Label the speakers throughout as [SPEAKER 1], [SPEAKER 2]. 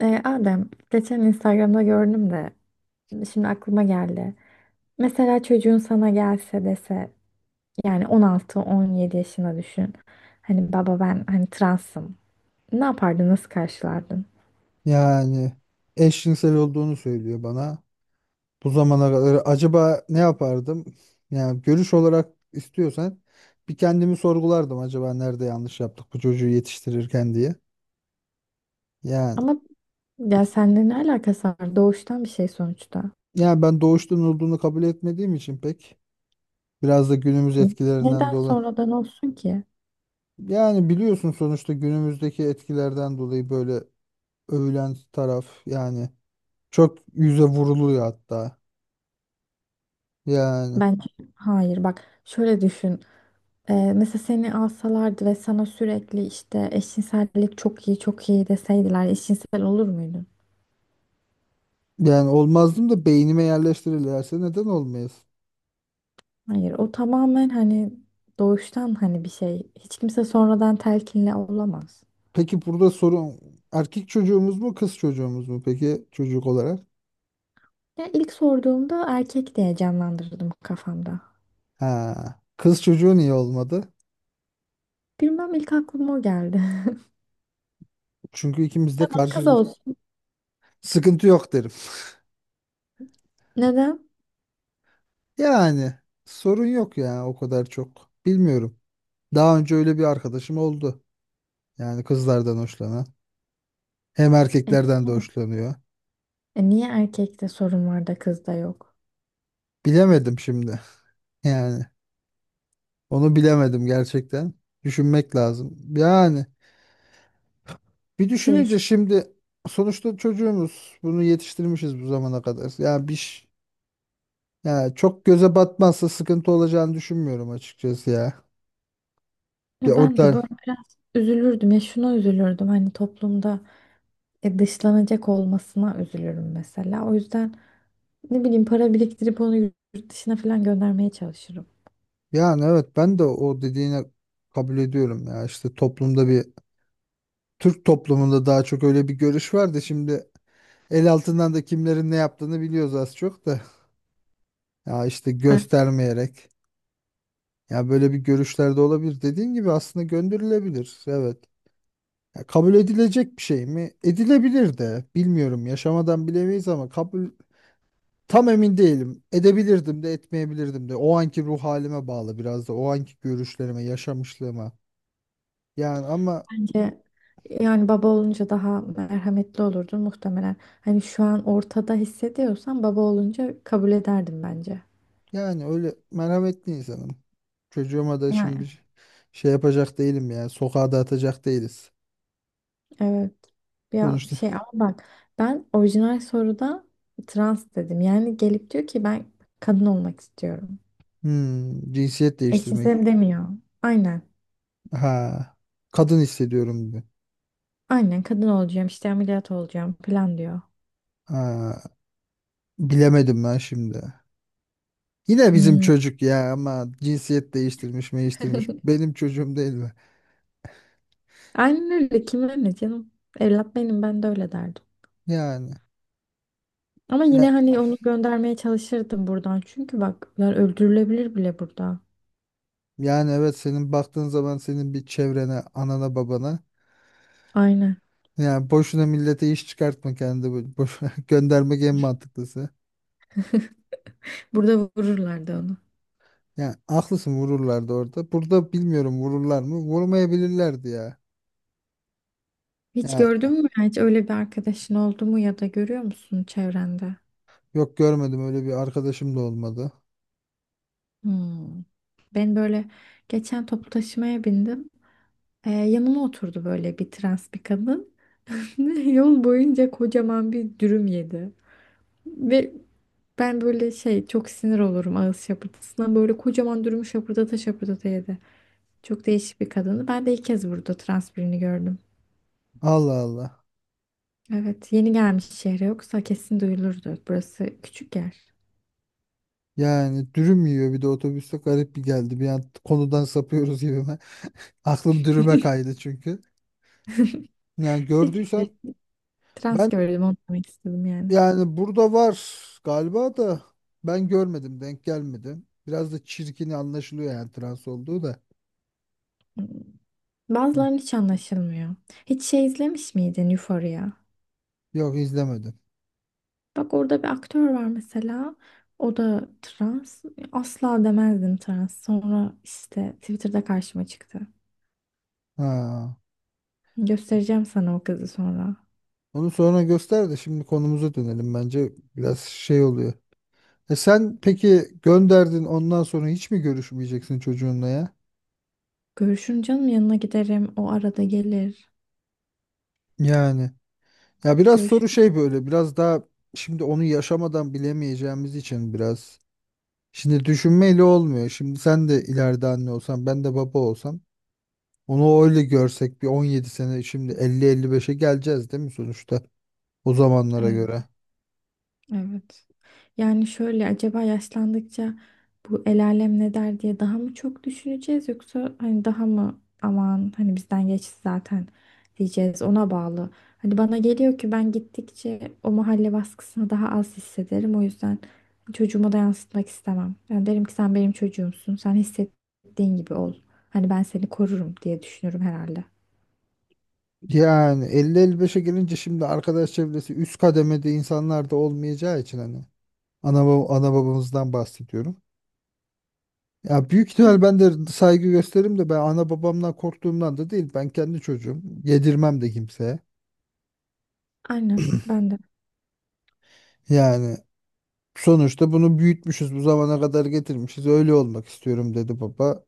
[SPEAKER 1] Adem, geçen Instagram'da gördüm de şimdi aklıma geldi. Mesela çocuğun sana gelse dese yani 16-17 yaşına düşün. Hani baba ben hani transım. Ne yapardın? Nasıl karşılardın?
[SPEAKER 2] Yani eşcinsel olduğunu söylüyor bana. Bu zamana kadar acaba ne yapardım? Yani görüş olarak istiyorsan bir kendimi sorgulardım acaba nerede yanlış yaptık bu çocuğu yetiştirirken diye. Yani
[SPEAKER 1] Ama ya sende ne alakası var? Doğuştan bir şey sonuçta.
[SPEAKER 2] yani ben doğuştan olduğunu kabul etmediğim için pek biraz da günümüz
[SPEAKER 1] E,
[SPEAKER 2] etkilerinden
[SPEAKER 1] Neden
[SPEAKER 2] dolayı.
[SPEAKER 1] sonradan olsun ki?
[SPEAKER 2] Yani biliyorsun sonuçta günümüzdeki etkilerden dolayı böyle övülen taraf yani çok yüze vuruluyor hatta. Yani
[SPEAKER 1] Bence hayır bak şöyle düşün. Mesela seni alsalardı ve sana sürekli işte eşcinsellik çok iyi çok iyi deseydiler eşcinsel olur muydun?
[SPEAKER 2] Yani olmazdım da beynime yerleştirirlerse neden olmayız?
[SPEAKER 1] Hayır, o tamamen hani doğuştan hani bir şey. Hiç kimse sonradan telkinle olamaz.
[SPEAKER 2] Peki burada sorun erkek çocuğumuz mu kız çocuğumuz mu peki çocuk olarak?
[SPEAKER 1] Ya ilk sorduğumda erkek diye canlandırdım kafamda.
[SPEAKER 2] Ha, kız çocuğu niye olmadı?
[SPEAKER 1] Bilmem ilk aklıma o geldi.
[SPEAKER 2] Çünkü ikimiz de
[SPEAKER 1] Kız
[SPEAKER 2] karşı
[SPEAKER 1] olsun.
[SPEAKER 2] sıkıntı yok derim.
[SPEAKER 1] Neden?
[SPEAKER 2] Yani sorun yok ya o kadar çok. Bilmiyorum. Daha önce öyle bir arkadaşım oldu. Yani kızlardan hoşlanan. Hem
[SPEAKER 1] E,
[SPEAKER 2] erkeklerden de hoşlanıyor.
[SPEAKER 1] e niye erkekte sorun var da kızda yok?
[SPEAKER 2] Bilemedim şimdi. Yani onu bilemedim gerçekten. Düşünmek lazım. Yani bir düşününce
[SPEAKER 1] Değişik.
[SPEAKER 2] şimdi sonuçta çocuğumuz bunu yetiştirmişiz bu zamana kadar. Ya çok göze batmazsa sıkıntı olacağını düşünmüyorum açıkçası ya. Ya
[SPEAKER 1] Ya
[SPEAKER 2] o
[SPEAKER 1] ben de
[SPEAKER 2] da
[SPEAKER 1] böyle biraz üzülürdüm. Ya şuna üzülürdüm. Hani toplumda dışlanacak olmasına üzülürüm mesela. O yüzden ne bileyim para biriktirip onu yurt dışına falan göndermeye çalışırım.
[SPEAKER 2] yani evet ben de o dediğine kabul ediyorum ya işte toplumda bir Türk toplumunda daha çok öyle bir görüş vardı. Şimdi el altından da kimlerin ne yaptığını biliyoruz az çok da. Ya işte göstermeyerek ya böyle bir görüşler de olabilir. Dediğin gibi aslında gönderilebilir. Evet. Ya kabul edilecek bir şey mi? Edilebilir de. Bilmiyorum. Yaşamadan bilemeyiz ama kabul tam emin değilim. Edebilirdim de etmeyebilirdim de. O anki ruh halime bağlı biraz da. O anki görüşlerime, yaşamışlığıma. Yani ama
[SPEAKER 1] Bence yani baba olunca daha merhametli olurdun muhtemelen. Hani şu an ortada hissediyorsan baba olunca kabul ederdim bence.
[SPEAKER 2] yani öyle merhametli insanım. Çocuğuma da
[SPEAKER 1] Yani.
[SPEAKER 2] şimdi şey yapacak değilim ya. Sokağa da atacak değiliz.
[SPEAKER 1] Evet. Ya
[SPEAKER 2] Sonuçta.
[SPEAKER 1] şey ama bak ben orijinal soruda trans dedim. Yani gelip diyor ki ben kadın olmak istiyorum.
[SPEAKER 2] Hmm, cinsiyet değiştirmek.
[SPEAKER 1] Eşcinselim demiyor. Aynen.
[SPEAKER 2] Ha. Kadın hissediyorum, diyor.
[SPEAKER 1] Aynen kadın olacağım işte ameliyat olacağım falan diyor.
[SPEAKER 2] Ha. Bilemedim ben şimdi. Yine bizim
[SPEAKER 1] Hmm.
[SPEAKER 2] çocuk ya ama cinsiyet değiştirmiş, değiştirmiş. Benim çocuğum değil mi?
[SPEAKER 1] Aynen öyle kime ne canım. Evlat benim ben de öyle derdim.
[SPEAKER 2] Yani.
[SPEAKER 1] Ama
[SPEAKER 2] e,
[SPEAKER 1] yine hani onu göndermeye çalışırdım buradan. Çünkü bak yani öldürülebilir bile burada.
[SPEAKER 2] evet senin baktığın zaman senin bir çevrene, anana, babana.
[SPEAKER 1] Aynen.
[SPEAKER 2] Yani boşuna millete iş çıkartma kendi boş göndermek en mantıklısı.
[SPEAKER 1] Burada vururlardı onu.
[SPEAKER 2] Yani haklısın vururlardı orada. Burada bilmiyorum vururlar mı? Vurmayabilirlerdi ya.
[SPEAKER 1] Hiç
[SPEAKER 2] Ya
[SPEAKER 1] gördün mü? Hiç öyle bir arkadaşın oldu mu ya da görüyor musun çevrende?
[SPEAKER 2] yok görmedim öyle bir arkadaşım da olmadı.
[SPEAKER 1] Hmm. Ben böyle geçen toplu taşımaya bindim. Yanıma oturdu böyle bir trans bir kadın. Yol boyunca kocaman bir dürüm yedi. Ve ben böyle şey çok sinir olurum ağız şapırtısına. Böyle kocaman dürümü şapırdata şapırdata yedi. Çok değişik bir kadını. Ben de ilk kez burada trans birini gördüm.
[SPEAKER 2] Allah Allah.
[SPEAKER 1] Evet, yeni gelmiş şehre yoksa kesin duyulurdu. Burası küçük yer.
[SPEAKER 2] Yani dürüm yiyor bir de otobüste garip bir geldi. Bir an konudan sapıyoruz gibi. Aklım dürüme kaydı çünkü. Yani
[SPEAKER 1] İlk kez
[SPEAKER 2] gördüysen
[SPEAKER 1] trans
[SPEAKER 2] ben
[SPEAKER 1] gördüm onu demek istedim yani.
[SPEAKER 2] yani burada var galiba da ben görmedim denk gelmedim. Biraz da çirkin anlaşılıyor yani trans olduğu da.
[SPEAKER 1] Hmm.
[SPEAKER 2] Eh,
[SPEAKER 1] Bazılarının hiç anlaşılmıyor. Hiç şey izlemiş miydin Euphoria?
[SPEAKER 2] yok izlemedim.
[SPEAKER 1] Bak orada bir aktör var mesela. O da trans. Asla demezdim trans. Sonra işte Twitter'da karşıma çıktı.
[SPEAKER 2] Ha.
[SPEAKER 1] Göstereceğim sana o kızı sonra.
[SPEAKER 2] Onu sonra göster de şimdi konumuza dönelim bence biraz şey oluyor. E sen peki gönderdin ondan sonra hiç mi görüşmeyeceksin çocuğunla ya?
[SPEAKER 1] Görüşün canım yanına giderim. O arada gelir.
[SPEAKER 2] Yani ya biraz
[SPEAKER 1] Görüş.
[SPEAKER 2] soru şey böyle biraz daha şimdi onu yaşamadan bilemeyeceğimiz için biraz. Şimdi düşünmeyle olmuyor. Şimdi sen de ileride anne olsan, ben de baba olsam, onu öyle görsek bir 17 sene şimdi 50-55'e geleceğiz değil mi sonuçta o zamanlara
[SPEAKER 1] Evet.
[SPEAKER 2] göre?
[SPEAKER 1] Evet. Yani şöyle acaba yaşlandıkça bu el alem ne der diye daha mı çok düşüneceğiz yoksa hani daha mı aman hani bizden geçti zaten diyeceğiz ona bağlı. Hani bana geliyor ki ben gittikçe o mahalle baskısını daha az hissederim o yüzden çocuğuma da yansıtmak istemem. Yani derim ki sen benim çocuğumsun sen hissettiğin gibi ol. Hani ben seni korurum diye düşünürüm herhalde.
[SPEAKER 2] Yani 50-55'e gelince şimdi arkadaş çevresi üst kademede insanlar da olmayacağı için hani. Ana babamızdan bahsediyorum. Ya büyük
[SPEAKER 1] Evet,
[SPEAKER 2] ihtimal ben de saygı gösteririm de ben ana babamdan korktuğumdan da değil. Ben kendi çocuğum. Yedirmem de kimseye.
[SPEAKER 1] aynen ben de.
[SPEAKER 2] Yani sonuçta bunu büyütmüşüz, bu zamana kadar getirmişiz. Öyle olmak istiyorum dedi baba.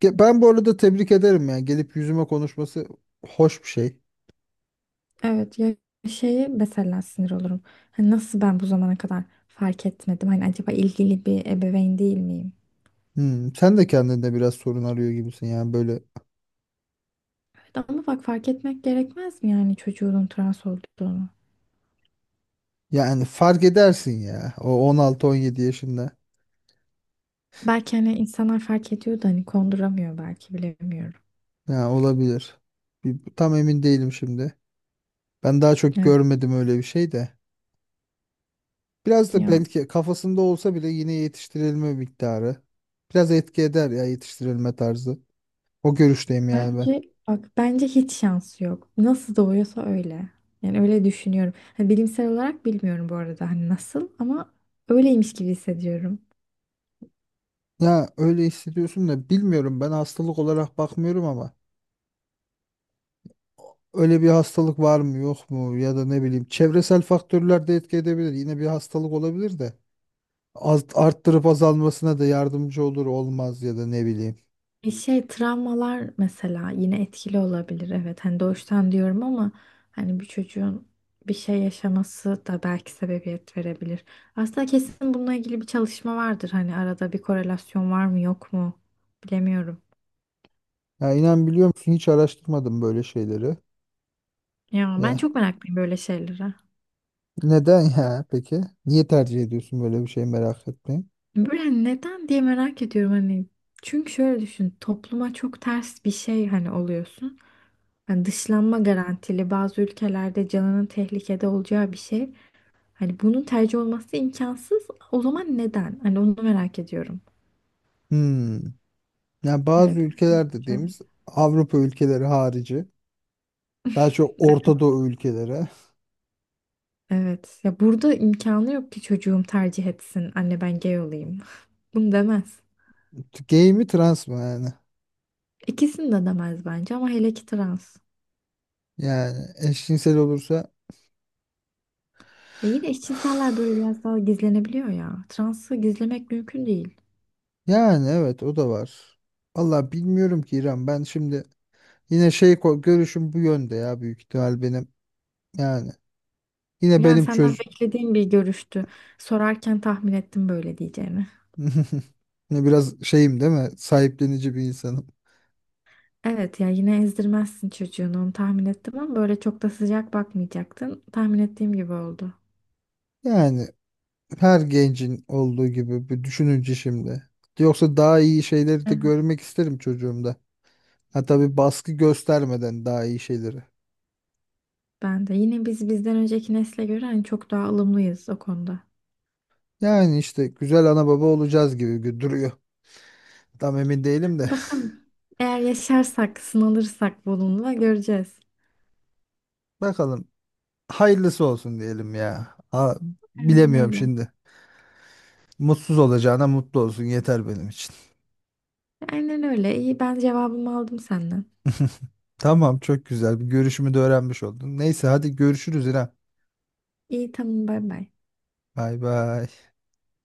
[SPEAKER 2] Ben bu arada tebrik ederim yani gelip yüzüme konuşması hoş bir şey.
[SPEAKER 1] Evet ya şeyi mesela sinir olurum. Hani nasıl ben bu zamana kadar fark etmedim? Hani acaba ilgili bir ebeveyn değil miyim?
[SPEAKER 2] Hmm, sen de kendinde biraz sorun arıyor gibisin yani böyle.
[SPEAKER 1] Evet, ama bak fark etmek gerekmez mi yani çocuğunun trans olduğunu?
[SPEAKER 2] Yani fark edersin ya o 16-17 yaşında.
[SPEAKER 1] Belki hani insanlar fark ediyor da hani konduramıyor belki bilemiyorum.
[SPEAKER 2] Yani olabilir. Tam emin değilim şimdi. Ben daha çok
[SPEAKER 1] Evet
[SPEAKER 2] görmedim öyle bir şey de. Biraz da
[SPEAKER 1] ya
[SPEAKER 2] belki kafasında olsa bile yine yetiştirilme miktarı. Biraz etki eder ya yetiştirilme tarzı. O görüşteyim yani ben.
[SPEAKER 1] bence bak bence hiç şansı yok. Nasıl doğuyorsa öyle. Yani öyle düşünüyorum. Hani bilimsel olarak bilmiyorum bu arada hani nasıl ama öyleymiş gibi hissediyorum.
[SPEAKER 2] Ya öyle hissediyorsun da bilmiyorum ben hastalık olarak bakmıyorum ama öyle bir hastalık var mı yok mu ya da ne bileyim çevresel faktörler de etki edebilir. Yine bir hastalık olabilir de az, arttırıp azalmasına da yardımcı olur olmaz ya da ne bileyim.
[SPEAKER 1] E şey travmalar mesela yine etkili olabilir. Evet hani doğuştan diyorum ama hani bir çocuğun bir şey yaşaması da belki sebebiyet verebilir. Aslında kesin bununla ilgili bir çalışma vardır. Hani arada bir korelasyon var mı yok mu bilemiyorum.
[SPEAKER 2] Ya inan biliyor musun hiç araştırmadım böyle şeyleri.
[SPEAKER 1] Ya ben
[SPEAKER 2] Ya.
[SPEAKER 1] çok meraklıyım böyle şeylere.
[SPEAKER 2] Neden ya peki? Niye tercih ediyorsun böyle bir şey merak etmeyin.
[SPEAKER 1] Böyle hani neden diye merak ediyorum hani. Çünkü şöyle düşün topluma çok ters bir şey hani oluyorsun. Hani dışlanma garantili bazı ülkelerde canının tehlikede olacağı bir şey. Hani bunun tercih olması imkansız. O zaman neden? Hani onu merak ediyorum.
[SPEAKER 2] Hmm. Yani bazı
[SPEAKER 1] Evet.
[SPEAKER 2] ülkeler dediğimiz Avrupa ülkeleri harici. Daha çok Orta Doğu ülkeleri.
[SPEAKER 1] Evet. Ya burada imkanı yok ki çocuğum tercih etsin. Anne ben gay olayım. Bunu demez.
[SPEAKER 2] Gay mi trans mı yani?
[SPEAKER 1] İkisini de demez bence ama hele ki trans.
[SPEAKER 2] Yani eşcinsel olursa
[SPEAKER 1] Ve yine eşcinseller böyle biraz daha gizlenebiliyor ya. Transı gizlemek mümkün değil.
[SPEAKER 2] yani evet o da var. Valla bilmiyorum ki İrem ben şimdi yine şey görüşüm bu yönde ya büyük ihtimal benim. Yani yine
[SPEAKER 1] Yani
[SPEAKER 2] benim
[SPEAKER 1] senden
[SPEAKER 2] çöz
[SPEAKER 1] beklediğim bir görüştü. Sorarken tahmin ettim böyle diyeceğini.
[SPEAKER 2] Ne biraz şeyim değil mi? Sahiplenici bir insanım.
[SPEAKER 1] Evet ya yine ezdirmezsin çocuğunu onu tahmin ettim ama böyle çok da sıcak bakmayacaktın. Tahmin ettiğim gibi oldu.
[SPEAKER 2] Yani her gencin olduğu gibi bir düşününce şimdi. Yoksa daha iyi şeyleri de görmek isterim çocuğumda. Ha tabii baskı göstermeden daha iyi şeyleri.
[SPEAKER 1] Ben de. Yine biz bizden önceki nesle göre hani çok daha ılımlıyız o konuda.
[SPEAKER 2] Yani işte güzel ana baba olacağız gibi duruyor. Tam emin değilim de.
[SPEAKER 1] Bakalım. Eğer yaşarsak, sınanırsak bununla göreceğiz.
[SPEAKER 2] Bakalım. Hayırlısı olsun diyelim ya. Ha,
[SPEAKER 1] Aynen
[SPEAKER 2] bilemiyorum
[SPEAKER 1] öyle.
[SPEAKER 2] şimdi. Mutsuz olacağına mutlu olsun yeter benim için.
[SPEAKER 1] Aynen öyle. İyi ben cevabımı aldım senden.
[SPEAKER 2] Tamam çok güzel. Bir görüşümü de öğrenmiş oldun. Neyse hadi görüşürüz İrem.
[SPEAKER 1] İyi tamam bay bay.
[SPEAKER 2] Bay bay.